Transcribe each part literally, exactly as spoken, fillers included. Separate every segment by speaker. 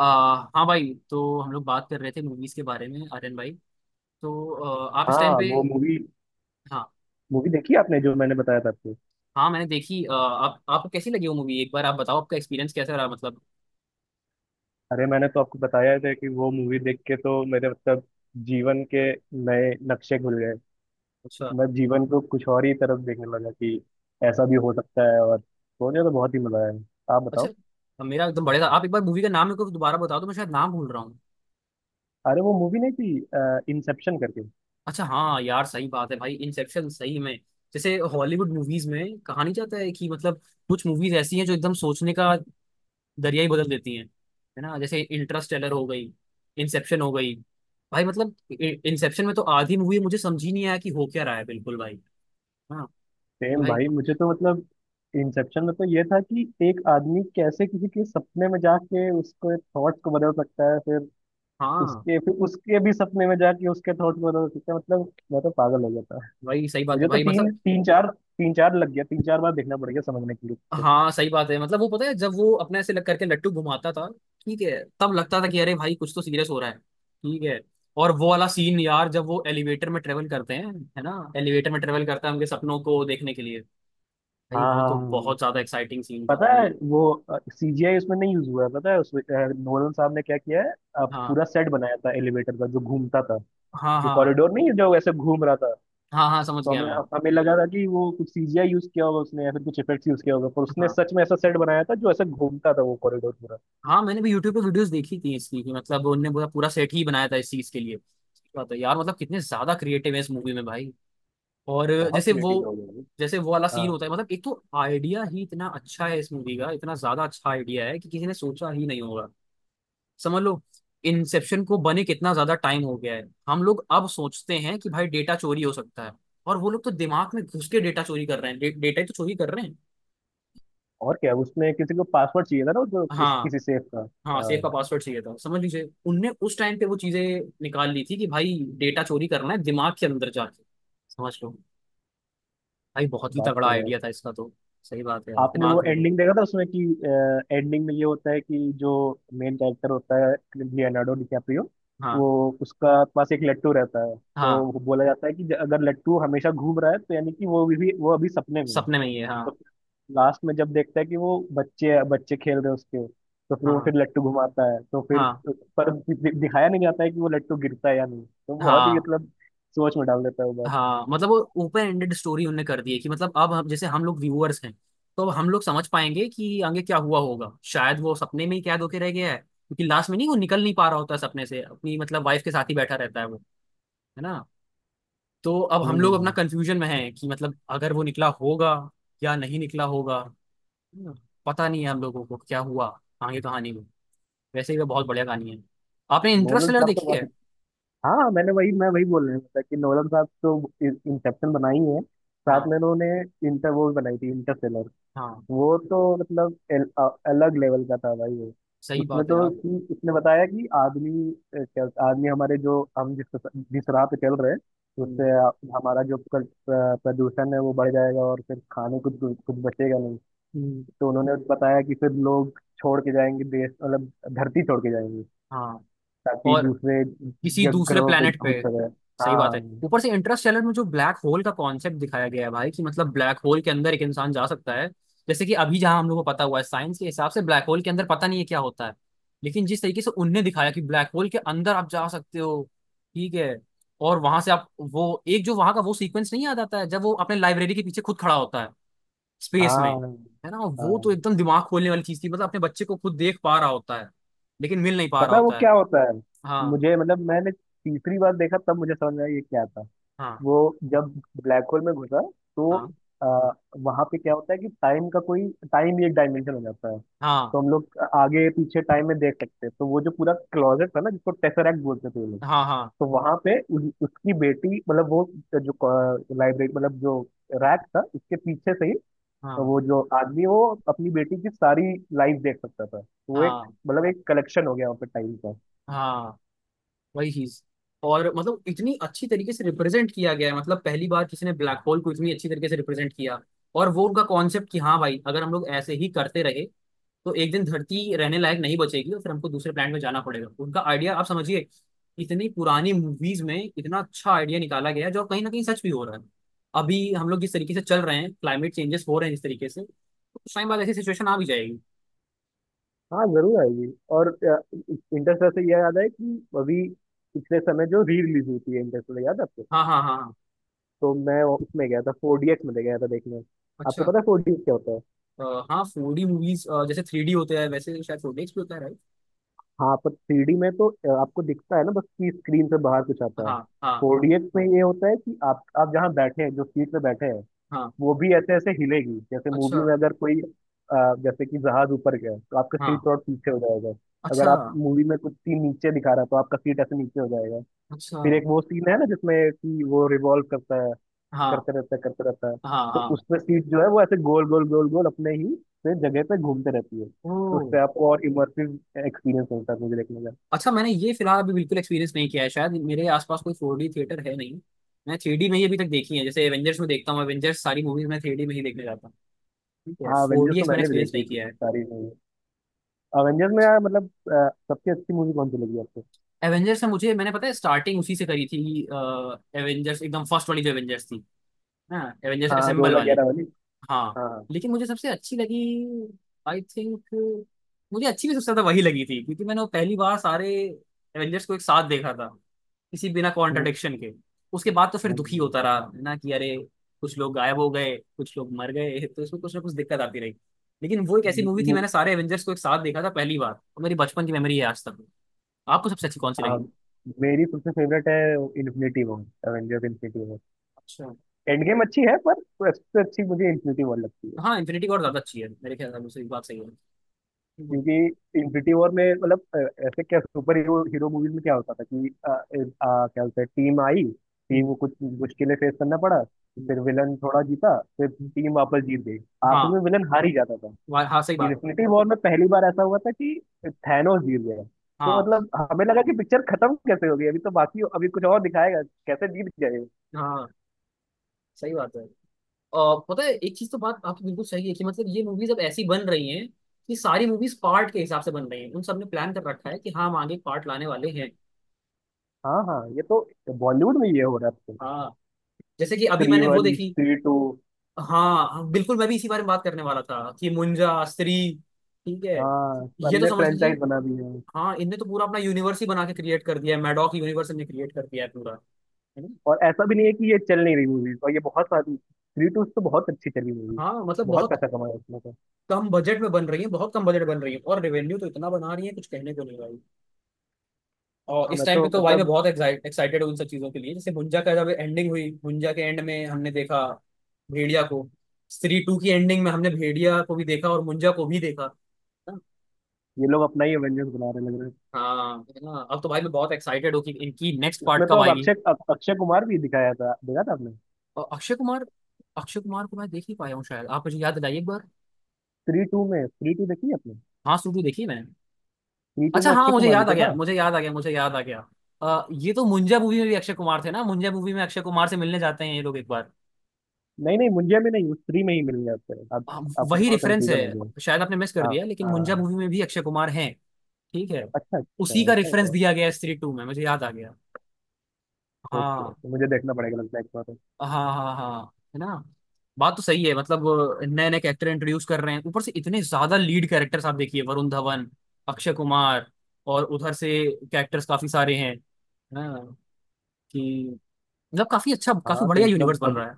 Speaker 1: आ, हाँ भाई, तो हम लोग बात कर रहे थे मूवीज के बारे में, आर्यन भाई। तो आ, आप इस टाइम
Speaker 2: हाँ,
Speaker 1: पे।
Speaker 2: वो मूवी
Speaker 1: हाँ।
Speaker 2: मूवी देखी आपने जो मैंने बताया था आपको।
Speaker 1: हाँ, मैंने देखी। आ, आप आपको कैसी लगी वो मूवी, एक बार आप बताओ, आपका एक्सपीरियंस कैसा रहा मतलब।
Speaker 2: अरे, मैंने तो आपको बताया था कि वो मूवी देख के तो मेरे मतलब जीवन के नए नक्शे खुल गए।
Speaker 1: अच्छा।
Speaker 2: मैं जीवन को कुछ और ही तरफ देखने लगा कि ऐसा भी हो सकता है, और सोने तो बहुत ही मजा आया। आप
Speaker 1: अच्छा,
Speaker 2: बताओ।
Speaker 1: मेरा एकदम बढ़िया था। आप एक बार मूवी का नाम मेरे को दोबारा बताओ, तो मैं शायद नाम भूल रहा हूँ।
Speaker 2: अरे, वो मूवी नहीं थी इंसेप्शन करके?
Speaker 1: अच्छा, हाँ यार सही बात है भाई, इंसेप्शन सही में, जैसे हॉलीवुड मूवीज में कहा नहीं जाता है कि मतलब कुछ मूवीज ऐसी हैं जो एकदम सोचने का दरिया ही बदल देती हैं, है ना। जैसे इंटरस्टेलर हो गई, इंसेप्शन हो गई, भाई मतलब, इंसेप्शन में तो आधी मूवी मुझे समझ ही नहीं आया कि हो क्या रहा है, बिल्कुल भाई। हाँ। कि
Speaker 2: सेम
Speaker 1: भाई।
Speaker 2: भाई, मुझे तो मतलब इंसेप्शन में तो ये था कि एक आदमी कैसे किसी के सपने में जाके उसको थॉट्स को बदल सकता है, फिर
Speaker 1: हाँ
Speaker 2: उसके फिर उसके भी सपने में जाके उसके थॉट में रोना सीखा, मतलब मैं तो पागल हो जाता है।
Speaker 1: भाई सही बात
Speaker 2: मुझे
Speaker 1: है
Speaker 2: तो
Speaker 1: भाई
Speaker 2: तीन
Speaker 1: मतलब।
Speaker 2: तीन चार तीन चार लग गया, तीन चार बार देखना पड़ गया समझने के लिए।
Speaker 1: हाँ सही बात है। मतलब वो पता है जब वो अपने ऐसे लग करके लट्टू घुमाता था, ठीक है, तब लगता था कि अरे भाई कुछ तो सीरियस हो रहा है, ठीक है। और वो वाला सीन यार, जब वो एलिवेटर में ट्रेवल करते हैं, है ना, एलिवेटर में ट्रेवल करता है उनके सपनों को देखने के लिए, भाई
Speaker 2: हाँ,
Speaker 1: वो
Speaker 2: हाँ,
Speaker 1: तो
Speaker 2: हाँ।
Speaker 1: बहुत ज्यादा एक्साइटिंग सीन था
Speaker 2: पता
Speaker 1: भाई।
Speaker 2: है वो सीजीआई उसमें नहीं यूज हुआ है? पता है उसमें अ, नोलन साहब ने क्या किया है? अ,
Speaker 1: हाँ,
Speaker 2: पूरा सेट बनाया था एलिवेटर का जो घूमता था।
Speaker 1: हाँ,
Speaker 2: जो
Speaker 1: हाँ,
Speaker 2: कॉरिडोर नहीं है, जो ऐसे घूम रहा था।
Speaker 1: हाँ। हाँ, समझ
Speaker 2: तो
Speaker 1: गया
Speaker 2: हमें
Speaker 1: मैं।
Speaker 2: हमें लगा था कि वो कुछ सीजीआई यूज किया होगा उसने या फिर कुछ इफेक्ट्स यूज किया होगा, पर उसने
Speaker 1: हाँ,
Speaker 2: सच में ऐसा सेट बनाया था जो ऐसे घूमता था, वो कॉरिडोर पूरा।
Speaker 1: हाँ। मैंने भी यूट्यूब पे वीडियोस देखी थी इसकी, कि मतलब उनने पूरा पूरा सेट ही बनाया था इस चीज के लिए। सही बात है यार, मतलब कितने ज्यादा क्रिएटिव है इस मूवी में भाई। और
Speaker 2: बहुत
Speaker 1: जैसे
Speaker 2: क्रिएटिव
Speaker 1: वो
Speaker 2: लोग हैं ये।
Speaker 1: जैसे वो वाला सीन
Speaker 2: हाँ,
Speaker 1: होता है, मतलब एक तो आइडिया ही इतना अच्छा है इस मूवी का, इतना ज्यादा अच्छा आइडिया है कि किसी ने सोचा ही नहीं होगा, समझ लो। इंसेप्शन को बने कितना ज्यादा टाइम हो गया है। हम लोग अब सोचते हैं कि भाई डेटा चोरी हो सकता है, और वो लोग तो दिमाग में घुस के डेटा चोरी कर रहे हैं। डे, डेटा ही तो चोरी कर रहे हैं।
Speaker 2: और क्या उसमें किसी को पासवर्ड चाहिए था ना, जो इस,
Speaker 1: हाँ।
Speaker 2: किसी सेफ का?
Speaker 1: हाँ, सेफ का
Speaker 2: हाँ,
Speaker 1: पासवर्ड चाहिए था, समझ लीजिए उनने उस टाइम पे वो चीजें निकाल ली थी कि भाई डेटा चोरी करना है दिमाग के अंदर जाके, समझ लो। भाई बहुत ही
Speaker 2: बात
Speaker 1: तगड़ा
Speaker 2: तो है।
Speaker 1: आइडिया था इसका तो। सही बात है यार,
Speaker 2: आपने
Speaker 1: दिमाग
Speaker 2: वो
Speaker 1: के अंदर।
Speaker 2: एंडिंग देखा था उसमें कि एंडिंग में ये होता है कि जो मेन कैरेक्टर होता है, लियोनार्डो डिकैप्रियो,
Speaker 1: हाँ।
Speaker 2: वो उसका पास एक लट्टू रहता है, तो
Speaker 1: हाँ,
Speaker 2: वो बोला जाता है कि ज- अगर लट्टू हमेशा घूम रहा है तो यानी कि वो भी वो अभी सपने में है।
Speaker 1: सपने में ही है, हाँ,
Speaker 2: तो लास्ट में जब देखता है कि वो बच्चे बच्चे खेल रहे हैं उसके, तो फिर वो
Speaker 1: हाँ,
Speaker 2: फिर लट्टू घुमाता है, तो फिर
Speaker 1: हाँ,
Speaker 2: पर दि- दिखाया नहीं जाता है कि वो लट्टू गिरता है या नहीं, तो बहुत ही
Speaker 1: हाँ।
Speaker 2: मतलब सोच में डाल देता है वो बात।
Speaker 1: हाँ मतलब वो ओपन एंडेड स्टोरी उनने कर दी है, कि मतलब अब हम, जैसे हम लोग व्यूअर्स हैं, तो अब हम लोग समझ पाएंगे कि आगे क्या हुआ होगा, शायद वो सपने में ही कैद होके रह गया है, क्योंकि लास्ट में नहीं, वो निकल नहीं पा रहा होता है सपने से, अपनी मतलब वाइफ के साथ ही बैठा रहता है वो, है ना। तो अब हम लोग अपना
Speaker 2: हम्म।
Speaker 1: कंफ्यूजन में हैं कि मतलब अगर वो निकला होगा या नहीं निकला होगा। हम्म, पता नहीं है हम लोगों को क्या हुआ आगे कहानी में। वैसे ही वो बहुत बढ़िया कहानी है। आपने
Speaker 2: नोलन
Speaker 1: इंटरस्टेलर
Speaker 2: साहब तो
Speaker 1: देखी
Speaker 2: बहुत
Speaker 1: है?
Speaker 2: अच्छे- हाँ, मैंने वही मैं वही बोल रहा था कि नोलन साहब तो इंसेप्शन बनाई है, साथ
Speaker 1: हाँ।
Speaker 2: में उन्होंने इंटर वो भी बनाई थी, इंटरस्टेलर।
Speaker 1: हाँ,
Speaker 2: वो तो मतलब एल, अ- अलग लेवल का था भाई वो।
Speaker 1: सही
Speaker 2: उसमें
Speaker 1: बात है
Speaker 2: तो
Speaker 1: यार।
Speaker 2: कि उसने बताया कि आदमी अ, क्या आदमी हमारे, जो हम जिस जिस राह पे चल रहे हैं,
Speaker 1: हम्म।
Speaker 2: उससे अ, हमारा जो कल- अ, प्रदूषण है, वो बढ़ जाएगा और फिर खाने को कुछ कुछ बचेगा नहीं।
Speaker 1: हम्म।
Speaker 2: तो उन्होंने बताया कि फिर लोग छोड़ के जाएंगे देश, मतलब धरती छोड़ के जाएंगे,
Speaker 1: हाँ,
Speaker 2: ताकि
Speaker 1: और
Speaker 2: दूसरे
Speaker 1: किसी
Speaker 2: जग
Speaker 1: दूसरे
Speaker 2: ग्रहों पे
Speaker 1: planet पे।
Speaker 2: भूत वगैरह।
Speaker 1: सही बात है, ऊपर
Speaker 2: हाँ,
Speaker 1: से इंटरस्टेलर में जो ब्लैक होल का कॉन्सेप्ट दिखाया गया है भाई, कि मतलब ब्लैक होल के अंदर एक इंसान जा सकता है। जैसे कि अभी जहां हम लोग को पता हुआ है साइंस के हिसाब से, ब्लैक होल के अंदर पता नहीं है क्या होता है। लेकिन जिस तरीके से उनने दिखाया कि ब्लैक होल के अंदर आप जा सकते हो, ठीक है, और वहां से आप वो एक जो वहां का वो सीक्वेंस नहीं याद आता है जब वो अपने लाइब्रेरी के पीछे खुद खड़ा होता है स्पेस में,
Speaker 2: हाँ,
Speaker 1: है ना। वो तो
Speaker 2: हाँ।
Speaker 1: एकदम दिमाग खोलने वाली चीज थी, मतलब अपने बच्चे को खुद देख पा रहा होता है लेकिन मिल नहीं पा रहा
Speaker 2: पता है वो
Speaker 1: होता है।
Speaker 2: क्या होता है?
Speaker 1: हाँ,
Speaker 2: मुझे मतलब मैंने तीसरी बार देखा तब मुझे समझ में आया ये क्या था।
Speaker 1: हाँ,
Speaker 2: वो जब ब्लैक होल में घुसा तो
Speaker 1: हाँ,
Speaker 2: आ, वहां पे क्या होता है कि टाइम का कोई टाइम ही एक डायमेंशन हो जाता है, तो
Speaker 1: हाँ,
Speaker 2: हम लोग आगे पीछे टाइम में देख सकते हैं, तो वो जो पूरा क्लॉजेट था ना जिसको टेसरैक्ट बोलते थे ये लोग,
Speaker 1: हाँ, हाँ,
Speaker 2: तो वहां पे उस, उसकी बेटी मतलब वो जो लाइब्रेरी मतलब जो रैक था उसके पीछे से ही, तो
Speaker 1: हाँ,
Speaker 2: वो जो आदमी वो अपनी बेटी की सारी लाइफ देख सकता था, तो वो एक
Speaker 1: हाँ,
Speaker 2: मतलब एक कलेक्शन हो गया वहाँ पे टाइम का।
Speaker 1: हाँ। वही चीज, और मतलब इतनी अच्छी तरीके से रिप्रेजेंट किया गया है, मतलब पहली बार किसी ने ब्लैक होल को इतनी अच्छी तरीके से रिप्रेजेंट किया। और वो उनका कॉन्सेप्ट कि हाँ भाई अगर हम लोग ऐसे ही करते रहे, तो एक दिन धरती रहने लायक नहीं बचेगी और फिर हमको दूसरे प्लैनेट में जाना पड़ेगा। उनका आइडिया आप समझिए, इतनी पुरानी मूवीज में इतना अच्छा आइडिया निकाला गया है जो कहीं ना कहीं सच भी हो रहा है। अभी हम लोग जिस तरीके से चल रहे हैं, क्लाइमेट चेंजेस हो रहे हैं जिस तरीके से, तो कुछ टाइम बाद ऐसी सिचुएशन आ भी जाएगी।
Speaker 2: हाँ, जरूर आएगी। और इंटरस्टेलर से यह याद है कि अभी पिछले समय जो री रिलीज हुई थी इंटरस्टेलर, याद है आपको?
Speaker 1: हाँ, हाँ, हाँ, हाँ।
Speaker 2: तो मैं वो- उसमें गया था, फोर डी एक्स में गया था देखने। आपको
Speaker 1: अच्छा।
Speaker 2: पता है फोर डी एक्स क्या होता है?
Speaker 1: अ, हाँ फोर डी मूवीज जैसे थ्री डी होते हैं, वैसे शायद फोर डी भी होता है, राइट।
Speaker 2: हाँ, पर थ्री डी में तो अ, आपको दिखता है ना बस कि स्क्रीन से बाहर कुछ आता है।
Speaker 1: हाँ। हाँ।
Speaker 2: फोर डी एक्स में ये होता है कि आप आप जहाँ बैठे हैं, जो सीट पे बैठे हैं,
Speaker 1: हाँ।
Speaker 2: वो भी ऐसे ऐसे हिलेगी, जैसे
Speaker 1: अच्छा।
Speaker 2: मूवी में अगर कोई अ, जैसे कि जहाज ऊपर गया तो आपका
Speaker 1: हाँ।
Speaker 2: सीट और पीछे हो जाएगा। अगर
Speaker 1: अच्छा।
Speaker 2: आप मूवी में कुछ सीन नीचे दिखा रहा है तो आपका सीट ऐसे नीचे हो जाएगा।
Speaker 1: अच्छा।
Speaker 2: फिर एक वो सीन है ना जिसमें कि वो रिवॉल्व करता है,
Speaker 1: हाँ।
Speaker 2: करते रहता है, करते रहता है।
Speaker 1: हाँ।
Speaker 2: तो
Speaker 1: हाँ।
Speaker 2: उसमें सीट जो है वो ऐसे गोल गोल गोल गोल अपने ही से जगह पे घूमते रहती है।
Speaker 1: ओ।
Speaker 2: तो उससे आपको और इमर्सिव एक्सपीरियंस मिलता है, मुझे देखने का।
Speaker 1: अच्छा, मैंने ये फिलहाल अभी बिल्कुल एक्सपीरियंस नहीं किया है, शायद मेरे आसपास कोई फोर डी थिएटर है नहीं। मैं थ्री डी में ही अभी तक देखी है, जैसे एवेंजर्स में देखता हूँ, एवेंजर्स सारी मूवीज मैं थ्री डी में ही देखने जाता हूँ, ठीक है।
Speaker 2: हाँ,
Speaker 1: फोर
Speaker 2: अवेंजर्स
Speaker 1: डी
Speaker 2: तो
Speaker 1: एक्स मैंने
Speaker 2: मैंने भी
Speaker 1: एक्सपीरियंस
Speaker 2: देखी
Speaker 1: नहीं
Speaker 2: है
Speaker 1: किया है।
Speaker 2: सारी मूवी। अवेंजर्स में यार मतलब अ, सबसे अच्छी मूवी कौन सी लगी आपको?
Speaker 1: एवेंजर्स में मुझे, मैंने पता है स्टार्टिंग उसी से करी थी। एवेंजर्स एकदम फर्स्ट वाली, जो एवेंजर्स थी, हाँ, एवेंजर्स
Speaker 2: हाँ,
Speaker 1: असेंबल वाली।
Speaker 2: दो हज़ार ग्यारह वाली।
Speaker 1: हाँ।
Speaker 2: हाँ,
Speaker 1: लेकिन मुझे सबसे अच्छी लगी, आई थिंक, मुझे अच्छी भी सबसे ज्यादा वही लगी थी, क्योंकि मैंने वो पहली बार सारे एवेंजर्स को एक साथ देखा था, किसी बिना
Speaker 2: हम्म,
Speaker 1: कॉन्ट्रडिक्शन के। उसके बाद तो फिर दुखी
Speaker 2: हम्म।
Speaker 1: होता रहा है ना, कि अरे कुछ लोग गायब हो गए, कुछ लोग मर गए, तो इसमें कुछ ना कुछ दिक्कत आती रही। लेकिन वो एक ऐसी मूवी थी,
Speaker 2: मु-
Speaker 1: मैंने सारे एवेंजर्स को एक साथ देखा था पहली बार, और मेरी बचपन की मेमोरी है आज तक। आपको सबसे अच्छी कौन सी लगी?
Speaker 2: हाँ, मेरी सबसे फेवरेट है Infinity War, Avengers Infinity War.
Speaker 1: अच्छा।
Speaker 2: एंड गेम अच्छी है, पर सबसे अच्छी मुझे इन्फिनिटी वॉर लगती है।
Speaker 1: हाँ, इन्फिनिटी वॉर ज्यादा अच्छी है मेरे ख्याल से, आपकी सही बात सही है। हम्म,
Speaker 2: क्योंकि इन्फिनिटी वॉर में मतलब अ, ऐसे क्या सुपर हीरो हीरो मूवीज में क्या होता था कि अ, अ, अ, क्या होता है टीम आई टीम
Speaker 1: हम्म,
Speaker 2: को कुछ मुश्किलें फेस करना पड़ा।
Speaker 1: हम्म,
Speaker 2: फिर विलन थोड़ा जीता, फिर
Speaker 1: हम्म।
Speaker 2: टीम वापस जीत गई।
Speaker 1: हाँ।
Speaker 2: आखिर में विलन हार ही जाता था।
Speaker 1: वा- हाँ, सही बात है।
Speaker 2: इन्फिनिटी वॉर में पहली बार ऐसा हुआ था कि थैनोस जीत गया। तो
Speaker 1: हाँ,
Speaker 2: मतलब हमें लगा कि पिक्चर खत्म कैसे हो गई, अभी तो बाकी अभी कुछ और दिखाएगा, कैसे जीत गए?
Speaker 1: हाँ, सही बात है। और पता है एक चीज, तो बात आपकी बिल्कुल सही है, कि मतलब ये मूवीज अब ऐसी बन रही हैं, कि सारी मूवीज पार्ट के हिसाब से बन रही हैं, उन सबने प्लान कर रखा है कि हाँ हम आगे पार्ट लाने वाले हैं।
Speaker 2: हाँ, हाँ, ये तो बॉलीवुड में ये हो रहा है।
Speaker 1: हाँ, जैसे कि अभी
Speaker 2: थ्री
Speaker 1: मैंने वो
Speaker 2: वन,
Speaker 1: देखी।
Speaker 2: Three to.
Speaker 1: हाँ, हाँ, बिल्कुल मैं भी इसी बारे में बात करने वाला था, कि मुंजा, स्त्री, ठीक है,
Speaker 2: हाँ,
Speaker 1: ये तो
Speaker 2: सबने
Speaker 1: समझ लीजिए।
Speaker 2: फ्रेंचाइज बना दी है।
Speaker 1: हाँ, इनने तो पूरा अपना यूनिवर्स ही बना के क्रिएट कर दिया है, मैडॉक यूनिवर्स इनने क्रिएट कर दिया है पूरा, है ना।
Speaker 2: और ऐसा भी नहीं है कि ये चल नहीं रही मूवीज, और ये बहुत सारी थ्री टू तो बहुत अच्छी चली मूवी।
Speaker 1: हाँ मतलब
Speaker 2: बहुत
Speaker 1: बहुत
Speaker 2: पैसा कमाया इसमें तो।
Speaker 1: कम बजट में बन रही है, बहुत कम बजट बन रही है, और रेवेन्यू तो इतना बना रही है कुछ कहने को नहीं भाई। और
Speaker 2: हाँ,
Speaker 1: इस
Speaker 2: मैं
Speaker 1: टाइम पे
Speaker 2: तो
Speaker 1: तो भाई मैं
Speaker 2: मतलब
Speaker 1: बहुत एक्साइटेड हूँ उन सब चीजों के लिए, जैसे भुंजा का जब एंडिंग हुई, भुंजा के एंड में हमने देखा भेड़िया को, स्त्री टू की एंडिंग में हमने भेड़िया को भी देखा और मुंजा को भी देखा, ना?
Speaker 2: ये लोग अपना ही एवेंजर्स बना रहे लग रहे हैं।
Speaker 1: हाँ, है ना, अब तो भाई मैं बहुत एक्साइटेड हूँ कि इनकी नेक्स्ट पार्ट
Speaker 2: उसमें
Speaker 1: कब
Speaker 2: तो अब
Speaker 1: आएगी।
Speaker 2: अक्षय अक्षय कुमार भी दिखाया था, देखा था आपने?
Speaker 1: और अक्षय कुमार, अक्षय कुमार को मैं देख ही पाया हूँ, शायद आप मुझे याद दिलाइए एक बार।
Speaker 2: थ्री टू में थ्री टू देखी है आपने?
Speaker 1: हाँ, सूर्य देखी है मैंने।
Speaker 2: थ्री टू
Speaker 1: अच्छा,
Speaker 2: में
Speaker 1: हाँ
Speaker 2: अक्षय
Speaker 1: मुझे
Speaker 2: कुमार भी
Speaker 1: याद आ
Speaker 2: तो
Speaker 1: गया,
Speaker 2: था।
Speaker 1: मुझे याद आ गया, मुझे याद आ गया। अ, ये तो मुंजा मूवी में भी अक्षय कुमार थे ना, मुंजा मूवी में अक्षय कुमार से मिलने जाते हैं ये लोग एक बार।
Speaker 2: नहीं, नहीं, मुंजिया में नहीं, उस थ्री में ही मिल गया उससे, आप,
Speaker 1: हाँ,
Speaker 2: आपको
Speaker 1: वही
Speaker 2: थोड़ा
Speaker 1: रेफरेंस है,
Speaker 2: कंफ्यूजन हो गया।
Speaker 1: शायद आपने मिस कर
Speaker 2: हाँ,
Speaker 1: दिया, लेकिन मुंजा
Speaker 2: हाँ,
Speaker 1: मूवी में भी अक्षय कुमार हैं, ठीक है,
Speaker 2: अच्छा, अच्छा,
Speaker 1: उसी का
Speaker 2: ऐसा
Speaker 1: रेफरेंस
Speaker 2: क्या?
Speaker 1: दिया गया है स्त्री टू में, मुझे याद आ गया।
Speaker 2: ओके,
Speaker 1: हाँ,
Speaker 2: ओके, मुझे देखना पड़ेगा लगता है एक बार।
Speaker 1: हाँ, हाँ, हाँ, है ना। बात तो सही है, मतलब नए नए कैरेक्टर इंट्रोड्यूस कर रहे हैं, ऊपर से इतने ज्यादा लीड कैरेक्टर्स, आप देखिए वरुण धवन, अक्षय कुमार, और उधर से कैरेक्टर्स काफी सारे हैं, है ना, कि मतलब काफी अच्छा, काफी
Speaker 2: हाँ, तो
Speaker 1: बढ़िया
Speaker 2: मतलब
Speaker 1: यूनिवर्स बन
Speaker 2: अब।
Speaker 1: रहा है।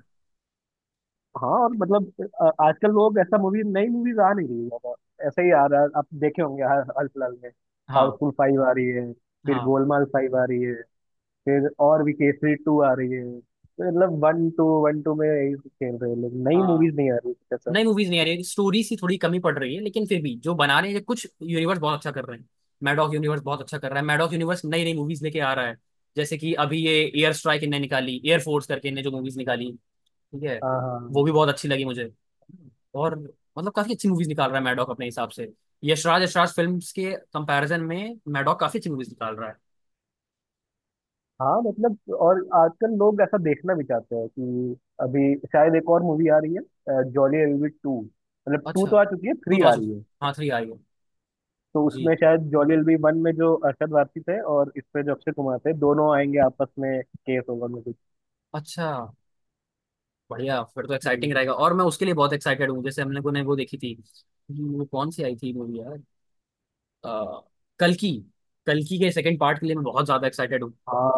Speaker 2: हाँ, और मतलब अ, आजकल लोग ऐसा मूवी नई मूवीज आ नहीं रही है ज्यादा। ऐसा ही आ रहा है, आप देखे होंगे हाल हाल फिलहाल में।
Speaker 1: हाँ,
Speaker 2: हाउसफुल फाइव आ रही है, फिर
Speaker 1: हाँ,
Speaker 2: गोलमाल फाइव आ रही है, फिर और भी केसरी टू आ रही है। तो मतलब वन टू वन टू में यही खेल रहे हैं लोग, नई
Speaker 1: हाँ।
Speaker 2: मूवीज नहीं आ रही, कुछ ऐसा।
Speaker 1: नई मूवीज नहीं आ रही, स्टोरी सी थोड़ी कमी पड़ रही है, लेकिन फिर भी जो बना रहे हैं कुछ यूनिवर्स बहुत अच्छा कर रहे हैं। मैडॉक यूनिवर्स बहुत अच्छा कर रहा है, मैडॉक यूनिवर्स नई नई मूवीज लेके आ रहा है। जैसे कि अभी ये एयर स्ट्राइक इनने निकाली, एयर फोर्स करके इनने जो मूवीज निकाली, ठीक है,
Speaker 2: हाँ, हाँ,
Speaker 1: वो भी बहुत अच्छी लगी मुझे। और मतलब काफी अच्छी मूवीज निकाल रहा है मैडॉक अपने हिसाब से। यशराज यशराज फिल्म के कंपैरिजन में मैडॉक काफी अच्छी मूवीज निकाल रहा है।
Speaker 2: हाँ, मतलब और आजकल लोग ऐसा देखना भी चाहते हैं कि अभी शायद एक और मूवी आ रही है जॉली एलबी टू, मतलब टू
Speaker 1: अच्छा,
Speaker 2: तो आ चुकी है,
Speaker 1: तू
Speaker 2: थ्री
Speaker 1: तो आ
Speaker 2: आ रही
Speaker 1: चुकी,
Speaker 2: है।
Speaker 1: हाँ थ्री आई हो।
Speaker 2: तो
Speaker 1: जी।
Speaker 2: उसमें शायद जॉली एलबी वन में जो अरशद वारसी थे, और इस पे जो अक्षय कुमार थे, दोनों आएंगे आपस में, केस होगा में कुछ।
Speaker 1: अच्छा, बढ़िया, फिर तो एक्साइटिंग
Speaker 2: हम्म,
Speaker 1: रहेगा और मैं उसके लिए बहुत एक्साइटेड हूँ। जैसे हम लोगों ने वो देखी थी, वो कौन सी आई थी मूवी यार, आ, कल्कि, कल्कि के सेकंड पार्ट के लिए मैं बहुत ज्यादा एक्साइटेड हूँ।
Speaker 2: हाँ।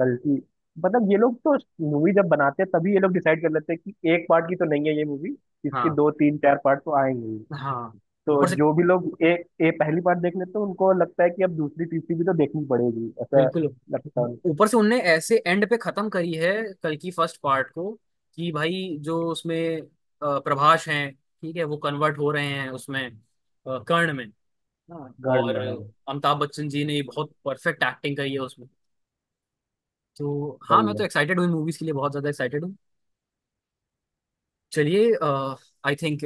Speaker 2: गलती मतलब ये लोग तो मूवी जब बनाते हैं तभी ये लोग डिसाइड कर लेते हैं कि एक पार्ट की तो नहीं है ये मूवी, इसकी
Speaker 1: हाँ,
Speaker 2: दो तीन चार पार्ट तो आएंगे ही।
Speaker 1: हाँ,
Speaker 2: तो
Speaker 1: ऊपर से,
Speaker 2: जो भी लोग ए ए पहली बार देख लेते हैं उनको लगता है कि अब दूसरी तीसरी भी तो देखनी पड़ेगी, ऐसा
Speaker 1: बिल्कुल।
Speaker 2: लगता है उनको।
Speaker 1: ऊपर से उनने ऐसे एंड पे खत्म करी है कल्कि फर्स्ट पार्ट को, कि भाई जो उसमें अ, प्रभास हैं, ठीक है, वो कन्वर्ट हो रहे हैं उसमें अ, कर्ण में। हाँ।
Speaker 2: गर्ड में
Speaker 1: और
Speaker 2: है।
Speaker 1: अमिताभ बच्चन जी ने बहुत परफेक्ट एक्टिंग करी है उसमें। तो हाँ
Speaker 2: सही
Speaker 1: मैं तो
Speaker 2: है।
Speaker 1: एक्साइटेड हूँ मूवीज के लिए, बहुत ज्यादा एक्साइटेड हूँ। चलिए, आई थिंक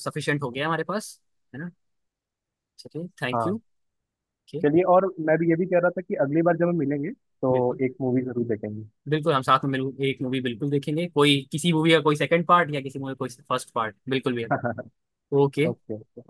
Speaker 1: सफिशिएंट हो गया हमारे पास, है ना, चलिए, थैंक यू।
Speaker 2: हाँ,
Speaker 1: ओके।
Speaker 2: चलिए, और मैं भी ये भी कह रहा था कि अगली बार जब हम मिलेंगे तो
Speaker 1: बिल्कुल।
Speaker 2: एक मूवी जरूर देखेंगे।
Speaker 1: बिल्कुल, हम साथ में मिल एक मूवी बिल्कुल देखेंगे, कोई किसी मूवी का कोई सेकंड पार्ट या किसी मूवी का कोई फर्स्ट पार्ट बिल्कुल भी। ओके।
Speaker 2: ओके।